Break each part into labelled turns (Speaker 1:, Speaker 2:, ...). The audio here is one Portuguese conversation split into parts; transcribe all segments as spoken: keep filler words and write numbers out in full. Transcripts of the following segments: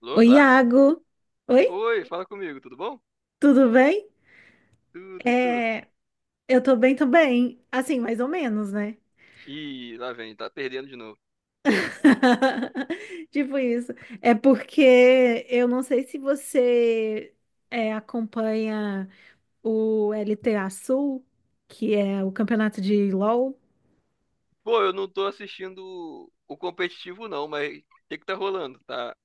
Speaker 1: Alô,
Speaker 2: Oi,
Speaker 1: claro?
Speaker 2: Iago. Oi,
Speaker 1: Oi, fala comigo, tudo bom?
Speaker 2: tudo bem?
Speaker 1: Tudo, e tu?
Speaker 2: É, eu tô bem também. Assim, mais ou menos, né?
Speaker 1: Ih, lá vem, tá perdendo de novo.
Speaker 2: Tipo isso. É porque eu não sei se você é, acompanha o L T A Sul, que é o campeonato de LoL.
Speaker 1: Pô, eu não tô assistindo o competitivo não, mas o que que tá rolando? Tá,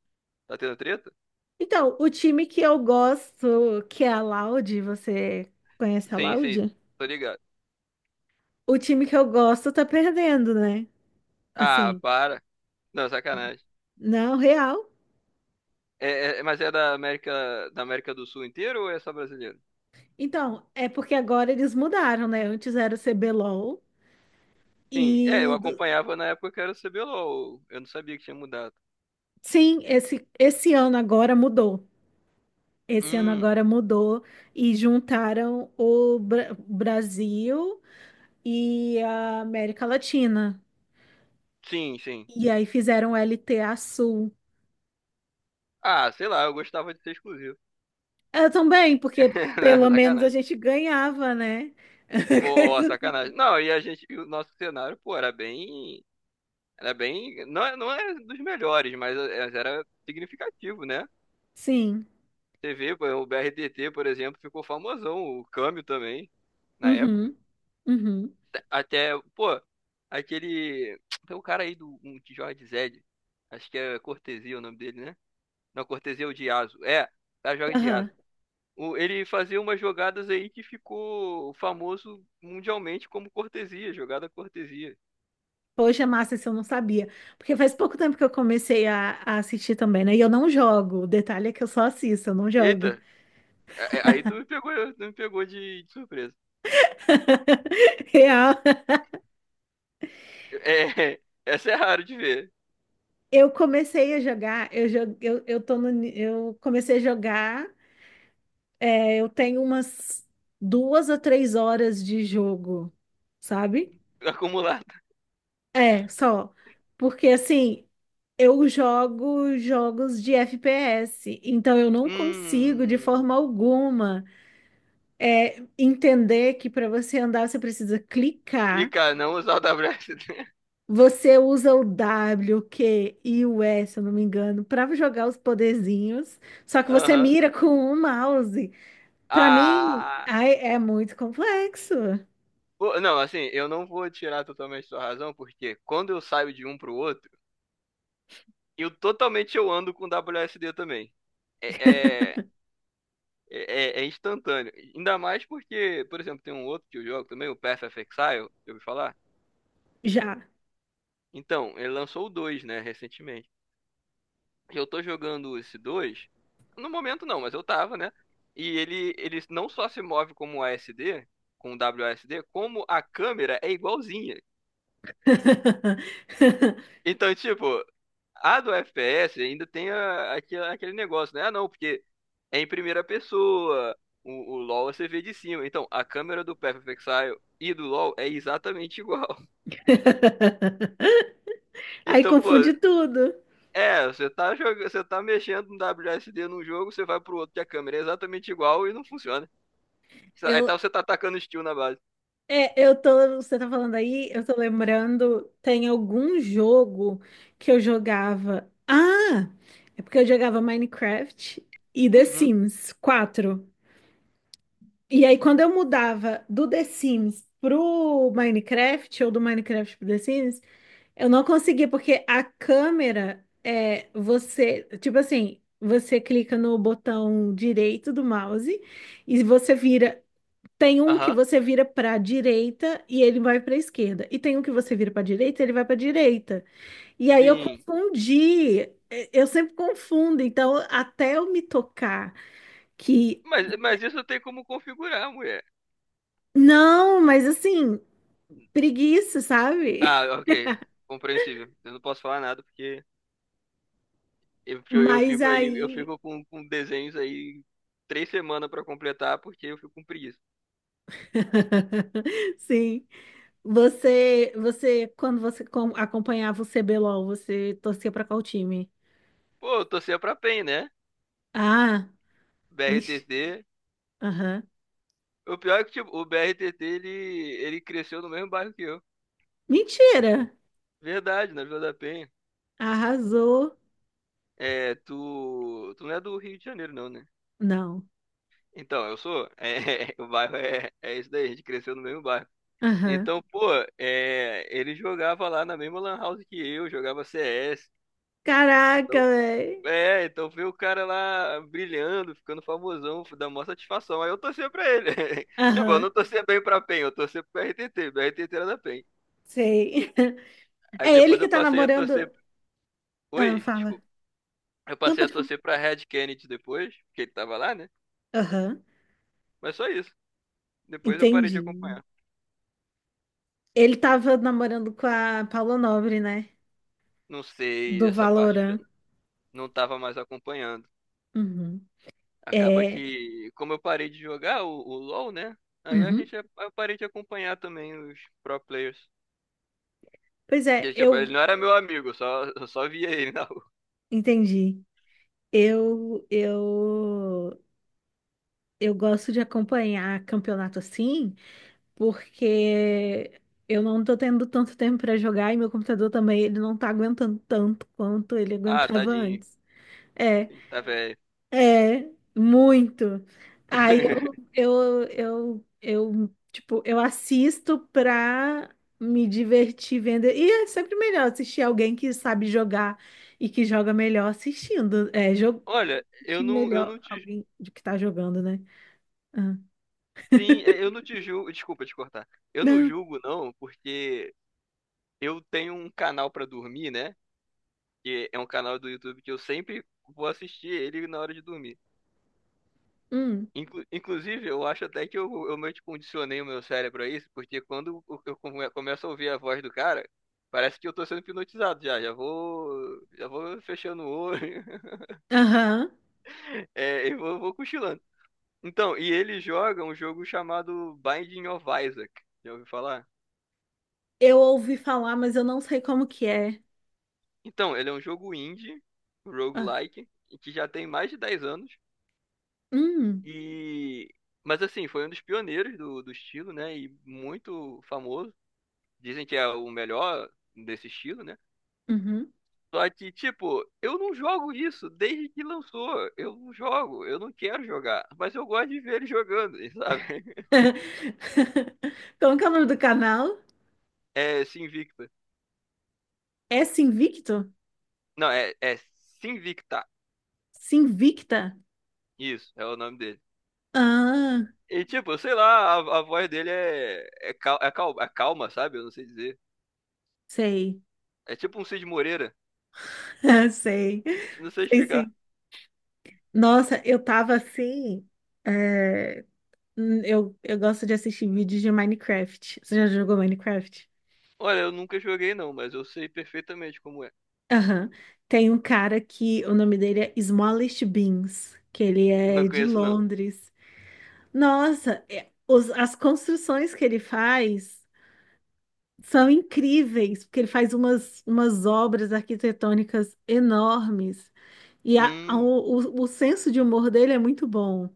Speaker 1: tá tendo treta?
Speaker 2: Então, o time que eu gosto, que é a Loud, você conhece a
Speaker 1: Sim, sim,
Speaker 2: Loud?
Speaker 1: tô ligado.
Speaker 2: O time que eu gosto tá perdendo, né?
Speaker 1: Ah,
Speaker 2: Assim,
Speaker 1: para. Não, sacanagem.
Speaker 2: não, real.
Speaker 1: É, é- é, mas é da América, da América do Sul inteira ou é só brasileiro?
Speaker 2: Então, é porque agora eles mudaram, né? Antes era o C BLOL
Speaker 1: Sim, é, eu
Speaker 2: e do-
Speaker 1: acompanhava na época que era o cê bê lol, eu não sabia que tinha mudado.
Speaker 2: sim, esse, esse ano agora mudou. Esse ano
Speaker 1: Hum,
Speaker 2: agora mudou e juntaram o Bra- Brasil e a América Latina.
Speaker 1: sim, sim.
Speaker 2: E aí fizeram L T A Sul.
Speaker 1: Ah, sei lá, eu gostava de ser exclusivo.
Speaker 2: Eu também, porque
Speaker 1: Não,
Speaker 2: pelo menos a
Speaker 1: sacanagem.
Speaker 2: gente ganhava, né?
Speaker 1: Pô, ó,
Speaker 2: Coisa.
Speaker 1: sacanagem. Não, e a gente, e o nosso cenário, pô, era bem, era bem, não, é- não é dos melhores, mas é- era significativo, né?
Speaker 2: Sim.
Speaker 1: Você vê, pô, o B R T T, por exemplo, ficou famosão, o Câmbio também, na época.
Speaker 2: Uhum, uhum,
Speaker 1: Até, até, pô, aquele, tem um cara aí do um, que joga de Zed, acho que é Cortesia o nome dele, né? Não, Cortesia é o de Yasuo, é, o cara joga de
Speaker 2: aham.
Speaker 1: Yasuo. O- Ele fazia umas jogadas aí que ficou famoso mundialmente como cortesia, jogada cortesia.
Speaker 2: Poxa, massa, isso eu não sabia. Porque faz pouco tempo que eu comecei a, a assistir também, né? E eu não jogo. O detalhe é que eu só assisto, eu não jogo.
Speaker 1: Eita, É, é, aí tu me pegou, tu me pegou de, de surpresa.
Speaker 2: Real.
Speaker 1: É, essa é raro de ver.
Speaker 2: Eu comecei a jogar, eu, jo- eu, eu, tô no ni- eu comecei a jogar, é, eu tenho umas duas a três horas de jogo, sabe?
Speaker 1: Acumulada.
Speaker 2: É, só. Porque assim, eu jogo jogos de F P S, então eu não consigo de
Speaker 1: Hum.
Speaker 2: forma alguma. É, entender que para você andar você precisa clicar.
Speaker 1: Clica não usar o W S D.
Speaker 2: Você usa o W, o Q e o S, se eu não me engano, para jogar os poderzinhos. Só que você
Speaker 1: Aham.
Speaker 2: mira com o mouse. Para mim,
Speaker 1: Ah.
Speaker 2: ai, é muito complexo.
Speaker 1: Pô, não, assim, eu não vou tirar totalmente sua razão, porque quando eu saio de um pro outro, eu totalmente eu ando com W S D também. É, é, é, é é instantâneo. Ainda mais porque, por exemplo, tem um outro que eu jogo também, o Path of Exile, eu ouvi falar.
Speaker 2: Já.
Speaker 1: Então, ele lançou o dois, né, recentemente. E eu tô jogando esse dois no momento não, mas eu tava, né? E ele, ele não só se move como A S D, com W A S D, como a câmera é igualzinha. Então, tipo, a do F P S ainda tem a- aque- aquele negócio, né? Ah, não, porque é em primeira pessoa. O, o LoL você vê de cima. Então, a câmera do Path of Exile e do LoL é exatamente igual.
Speaker 2: Aí
Speaker 1: Então, pô,
Speaker 2: confunde tudo.
Speaker 1: é, você tá jogando, você tá mexendo no W S D num jogo, você vai pro outro que a câmera é exatamente igual e não funciona.
Speaker 2: Eu,
Speaker 1: Então você tá atacando estilo na base.
Speaker 2: É, eu tô, você tá falando aí, eu tô lembrando, tem algum jogo que eu jogava. Ah, é porque eu jogava Minecraft e The
Speaker 1: Uhum.
Speaker 2: Sims quatro. E aí quando eu mudava do The Sims pro Minecraft ou do Minecraft pro The Sims, eu não conseguia porque a câmera é você, tipo assim, você clica no botão direito do mouse e você vira, tem um que
Speaker 1: Aham.
Speaker 2: você vira para a direita e ele vai para a esquerda. E tem um que você vira para a direita e ele vai para a direita. E aí eu
Speaker 1: Sim.
Speaker 2: confundi. eh, Eu sempre confundo. Então, até eu me tocar que
Speaker 1: Mas, mas isso tem como configurar, mulher.
Speaker 2: não, mas assim, preguiça, sabe?
Speaker 1: Ah, ok. Compreensível. Eu não posso falar nada porque eu, porque eu eu
Speaker 2: Mas
Speaker 1: fico aí, eu
Speaker 2: aí,
Speaker 1: fico com, com desenhos aí três semanas pra completar porque eu fico com preguiça.
Speaker 2: sim. Você, você, quando você com- acompanhava o C BLOL, você torcia para qual time?
Speaker 1: Pô, eu torcia pra pein, né?
Speaker 2: Ah, vixe.
Speaker 1: B R T T.
Speaker 2: Aham.
Speaker 1: O pior é que tipo, o B R T T ele, ele cresceu no mesmo bairro que eu.
Speaker 2: Mentira.
Speaker 1: Verdade, na Vila da Penha.
Speaker 2: Arrasou.
Speaker 1: É, tu, tu não é do Rio de Janeiro, não, né?
Speaker 2: Não.
Speaker 1: Então, eu sou. É, o bairro é, é isso daí, a gente cresceu no mesmo bairro.
Speaker 2: Aham.
Speaker 1: Então, pô, é, ele jogava lá na mesma lan house que eu, jogava C S.
Speaker 2: Caraca,
Speaker 1: Então,
Speaker 2: velho.
Speaker 1: é, então ver o cara lá brilhando, ficando famosão, dá maior satisfação. Aí eu torcia pra ele. Tipo, eu
Speaker 2: Aham,
Speaker 1: não torcia bem pra pein, eu torcia pro RTT, meu RTT era da pein.
Speaker 2: sei. É
Speaker 1: Aí
Speaker 2: ele
Speaker 1: depois
Speaker 2: que
Speaker 1: eu
Speaker 2: tá
Speaker 1: passei a
Speaker 2: namorando.
Speaker 1: torcer.
Speaker 2: Ah,
Speaker 1: Oi,
Speaker 2: fala.
Speaker 1: desculpa. Eu
Speaker 2: Não,
Speaker 1: passei a
Speaker 2: pode falar.
Speaker 1: torcer pra Red Kennedy depois, porque ele tava lá, né?
Speaker 2: Aham,
Speaker 1: Mas só isso. Depois eu parei de
Speaker 2: entendi.
Speaker 1: acompanhar.
Speaker 2: Ele tava namorando com a Paula Nobre, né?
Speaker 1: Não sei,
Speaker 2: Do
Speaker 1: essa parte.
Speaker 2: Valorant.
Speaker 1: Não tava mais acompanhando.
Speaker 2: Uhum.
Speaker 1: Acaba
Speaker 2: É.
Speaker 1: que, como eu parei de jogar o, o LoL, né? Aí a
Speaker 2: Uhum.
Speaker 1: gente, eu parei de acompanhar também os pro players.
Speaker 2: Pois é,
Speaker 1: E, tipo, ele
Speaker 2: eu
Speaker 1: não era meu amigo, eu só, eu só via ele na rua.
Speaker 2: entendi. Eu, eu, eu gosto de acompanhar campeonato assim, porque eu não tô tendo tanto tempo para jogar e meu computador também, ele não tá aguentando tanto quanto ele
Speaker 1: Ah,
Speaker 2: aguentava
Speaker 1: tadinho.
Speaker 2: antes. É,
Speaker 1: Sim, tá velho.
Speaker 2: é, muito. Aí eu, eu, eu, eu, tipo, eu assisto pra me divertir vendo. E é sempre melhor assistir alguém que sabe jogar e que joga melhor assistindo. É, jogo,
Speaker 1: Olha, eu
Speaker 2: assistir
Speaker 1: não, eu
Speaker 2: melhor
Speaker 1: não te,
Speaker 2: alguém de que tá jogando, né? Ah.
Speaker 1: sim, é, eu não te julgo, desculpa te cortar. Eu não
Speaker 2: Não.
Speaker 1: julgo não, porque eu tenho um canal pra dormir, né? Que é um canal do YouTube que eu sempre vou assistir ele na hora de dormir.
Speaker 2: Hum.
Speaker 1: Inclu- inclusive, eu acho até que eu, eu meio que condicionei o meu cérebro a isso, porque quando eu eu come- começo a ouvir a voz do cara, parece que eu tô sendo hipnotizado já, já vou, já vou fechando o olho,
Speaker 2: Aham.
Speaker 1: é, e vou, vou cochilando. Então, e ele joga um jogo chamado Binding of Isaac, já ouviu falar?
Speaker 2: Eu ouvi falar, mas eu não sei como que é.
Speaker 1: Então, ele é um jogo indie,
Speaker 2: Ah,
Speaker 1: roguelike, que já tem mais de dez anos,
Speaker 2: hum,
Speaker 1: e... Mas assim, foi um dos pioneiros do, do estilo, né, e muito famoso. Dizem que é o melhor desse estilo, né?
Speaker 2: uhum.
Speaker 1: Só que, tipo, eu não jogo isso desde que lançou. Eu não jogo, eu não quero jogar. Mas eu gosto de ver ele jogando, sabe?
Speaker 2: Como que é o nome do canal?
Speaker 1: É Sinvicta.
Speaker 2: É Sinvicto?
Speaker 1: Não, é, é Sinvicta.
Speaker 2: Sinvicta?
Speaker 1: Isso, é o nome dele.
Speaker 2: Ah,
Speaker 1: E, tipo, sei lá, a, a voz dele é, é, cal, é, cal, é calma, sabe? Eu não sei dizer.
Speaker 2: sei.
Speaker 1: É tipo um Cid Moreira.
Speaker 2: Sei.
Speaker 1: Não sei
Speaker 2: Sei,
Speaker 1: explicar.
Speaker 2: sim. Nossa, eu tava assim. é, hum, eu, eu gosto de assistir vídeos de Minecraft. Você já jogou Minecraft?
Speaker 1: Olha, eu nunca joguei, não, mas eu sei perfeitamente como é.
Speaker 2: Aham. Tem um cara que o nome dele é Smallest Beans, que ele
Speaker 1: Eu não
Speaker 2: é de
Speaker 1: conheço, não.
Speaker 2: Londres. Nossa, é- os- as construções que ele faz são incríveis, porque ele faz umas, umas obras arquitetônicas enormes. E a- a-
Speaker 1: Hum.
Speaker 2: o, o, o senso de humor dele é muito bom.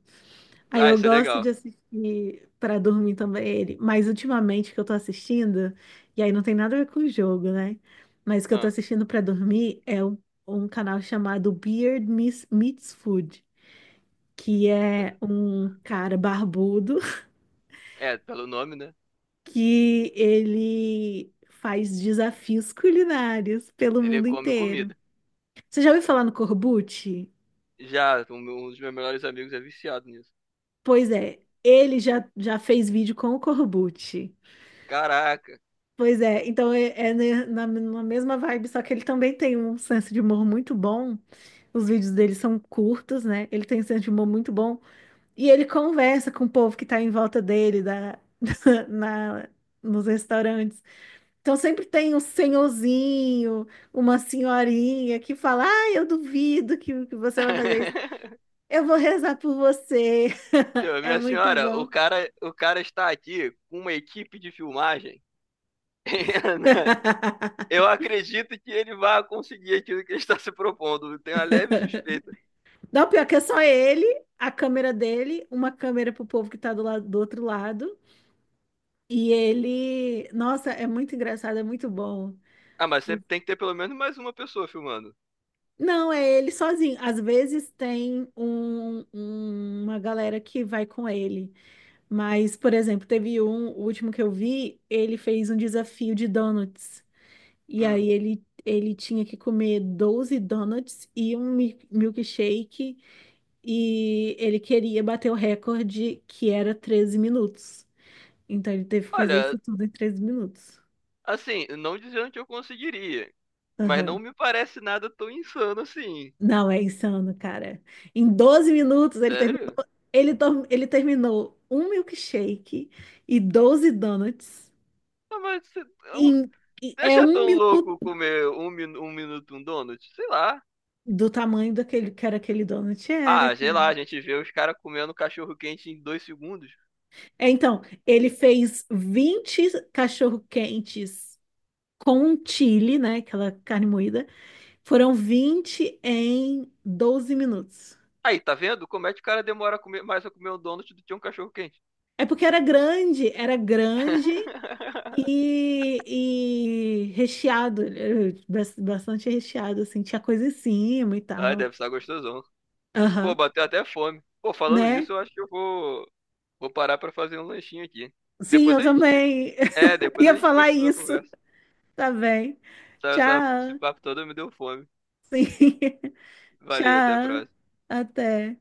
Speaker 2: Aí
Speaker 1: Ah,
Speaker 2: eu
Speaker 1: isso é
Speaker 2: gosto
Speaker 1: legal.
Speaker 2: de assistir para dormir também ele. Mas ultimamente que eu tô assistindo, e aí não tem nada a ver com o jogo, né? Mas o que eu tô
Speaker 1: Ah,
Speaker 2: assistindo para dormir é um, um canal chamado Beard Miss- Meets Food, que é um cara barbudo
Speaker 1: é, pelo nome, né?
Speaker 2: que ele faz desafios culinários pelo
Speaker 1: Ele
Speaker 2: mundo
Speaker 1: come
Speaker 2: inteiro.
Speaker 1: comida.
Speaker 2: Você já ouviu falar no Corbucci?
Speaker 1: Já, um um dos meus melhores amigos é viciado nisso.
Speaker 2: Pois é, ele já, já fez vídeo com o Corbucci.
Speaker 1: Caraca.
Speaker 2: Pois é, então é, é ne- na, na mesma vibe, só que ele também tem um senso de humor muito bom. Os vídeos dele são curtos, né? Ele tem um senso de humor muito bom. E ele conversa com o povo que tá em volta dele, da, na, nos restaurantes. Então sempre tem um senhorzinho, uma senhorinha que fala: Ah, eu duvido que, que você vai fazer isso. Eu vou rezar por você.
Speaker 1: Então,
Speaker 2: É
Speaker 1: minha
Speaker 2: muito
Speaker 1: senhora, o
Speaker 2: bom.
Speaker 1: cara, o cara está aqui com uma equipe de filmagem. Eu acredito que ele vai conseguir aquilo que ele está se propondo. Eu tenho uma leve suspeita.
Speaker 2: Não, pior que é só ele, a câmera dele, uma câmera pro povo que tá do lado do outro lado. E ele, nossa, é muito engraçado, é muito bom.
Speaker 1: Ah, mas sempre tem que ter pelo menos mais uma pessoa filmando.
Speaker 2: Não, é ele sozinho. Às vezes tem um- um- uma galera que vai com ele. Mas, por exemplo, teve um, o último que eu vi, ele fez um desafio de donuts. E
Speaker 1: Hum.
Speaker 2: aí ele, ele tinha que comer doze donuts e um mi- milkshake. E ele queria bater o recorde, que era treze minutos. Então ele teve que fazer
Speaker 1: Olha,
Speaker 2: isso tudo em treze minutos.
Speaker 1: assim, não dizendo que eu conseguiria, mas não
Speaker 2: Aham.
Speaker 1: me parece nada tão insano assim.
Speaker 2: Não, é insano, cara. Em doze minutos ele terminou,
Speaker 1: Sério?
Speaker 2: ele, tor- ele terminou um milkshake e doze donuts.
Speaker 1: Ah, mas você-
Speaker 2: Em, e- é
Speaker 1: deixa
Speaker 2: um
Speaker 1: tão
Speaker 2: minuto.
Speaker 1: louco comer um, minu- um minuto um donut? Sei lá.
Speaker 2: Do tamanho daquele que era aquele donut era,
Speaker 1: Ah, sei
Speaker 2: cara.
Speaker 1: lá, a gente vê os caras comendo cachorro quente em dois segundos.
Speaker 2: É, então, ele fez vinte cachorro-quentes com chili, né? Aquela carne moída. Foram vinte em doze minutos.
Speaker 1: Aí, tá vendo? Como é que o cara demora a comer- mais a comer um donut do que um cachorro quente?
Speaker 2: É porque era grande, era grande e, e recheado, eh, bas- bastante recheado, assim, tinha coisa em cima e
Speaker 1: Ai,
Speaker 2: tal.
Speaker 1: deve estar gostosão. Pô,
Speaker 2: Aham,
Speaker 1: bateu até fome. Pô, falando
Speaker 2: né?
Speaker 1: nisso, eu acho que eu vou, vou parar pra fazer um lanchinho aqui.
Speaker 2: Sim,
Speaker 1: Depois
Speaker 2: eu
Speaker 1: a gente.
Speaker 2: também
Speaker 1: É, depois
Speaker 2: ia
Speaker 1: a gente
Speaker 2: falar
Speaker 1: continua a
Speaker 2: isso,
Speaker 1: conversa.
Speaker 2: tá bem.
Speaker 1: Essa- essa- esse
Speaker 2: Tchau.
Speaker 1: papo todo me deu fome.
Speaker 2: Sim.
Speaker 1: Valeu, até a
Speaker 2: Tchau,
Speaker 1: próxima.
Speaker 2: até.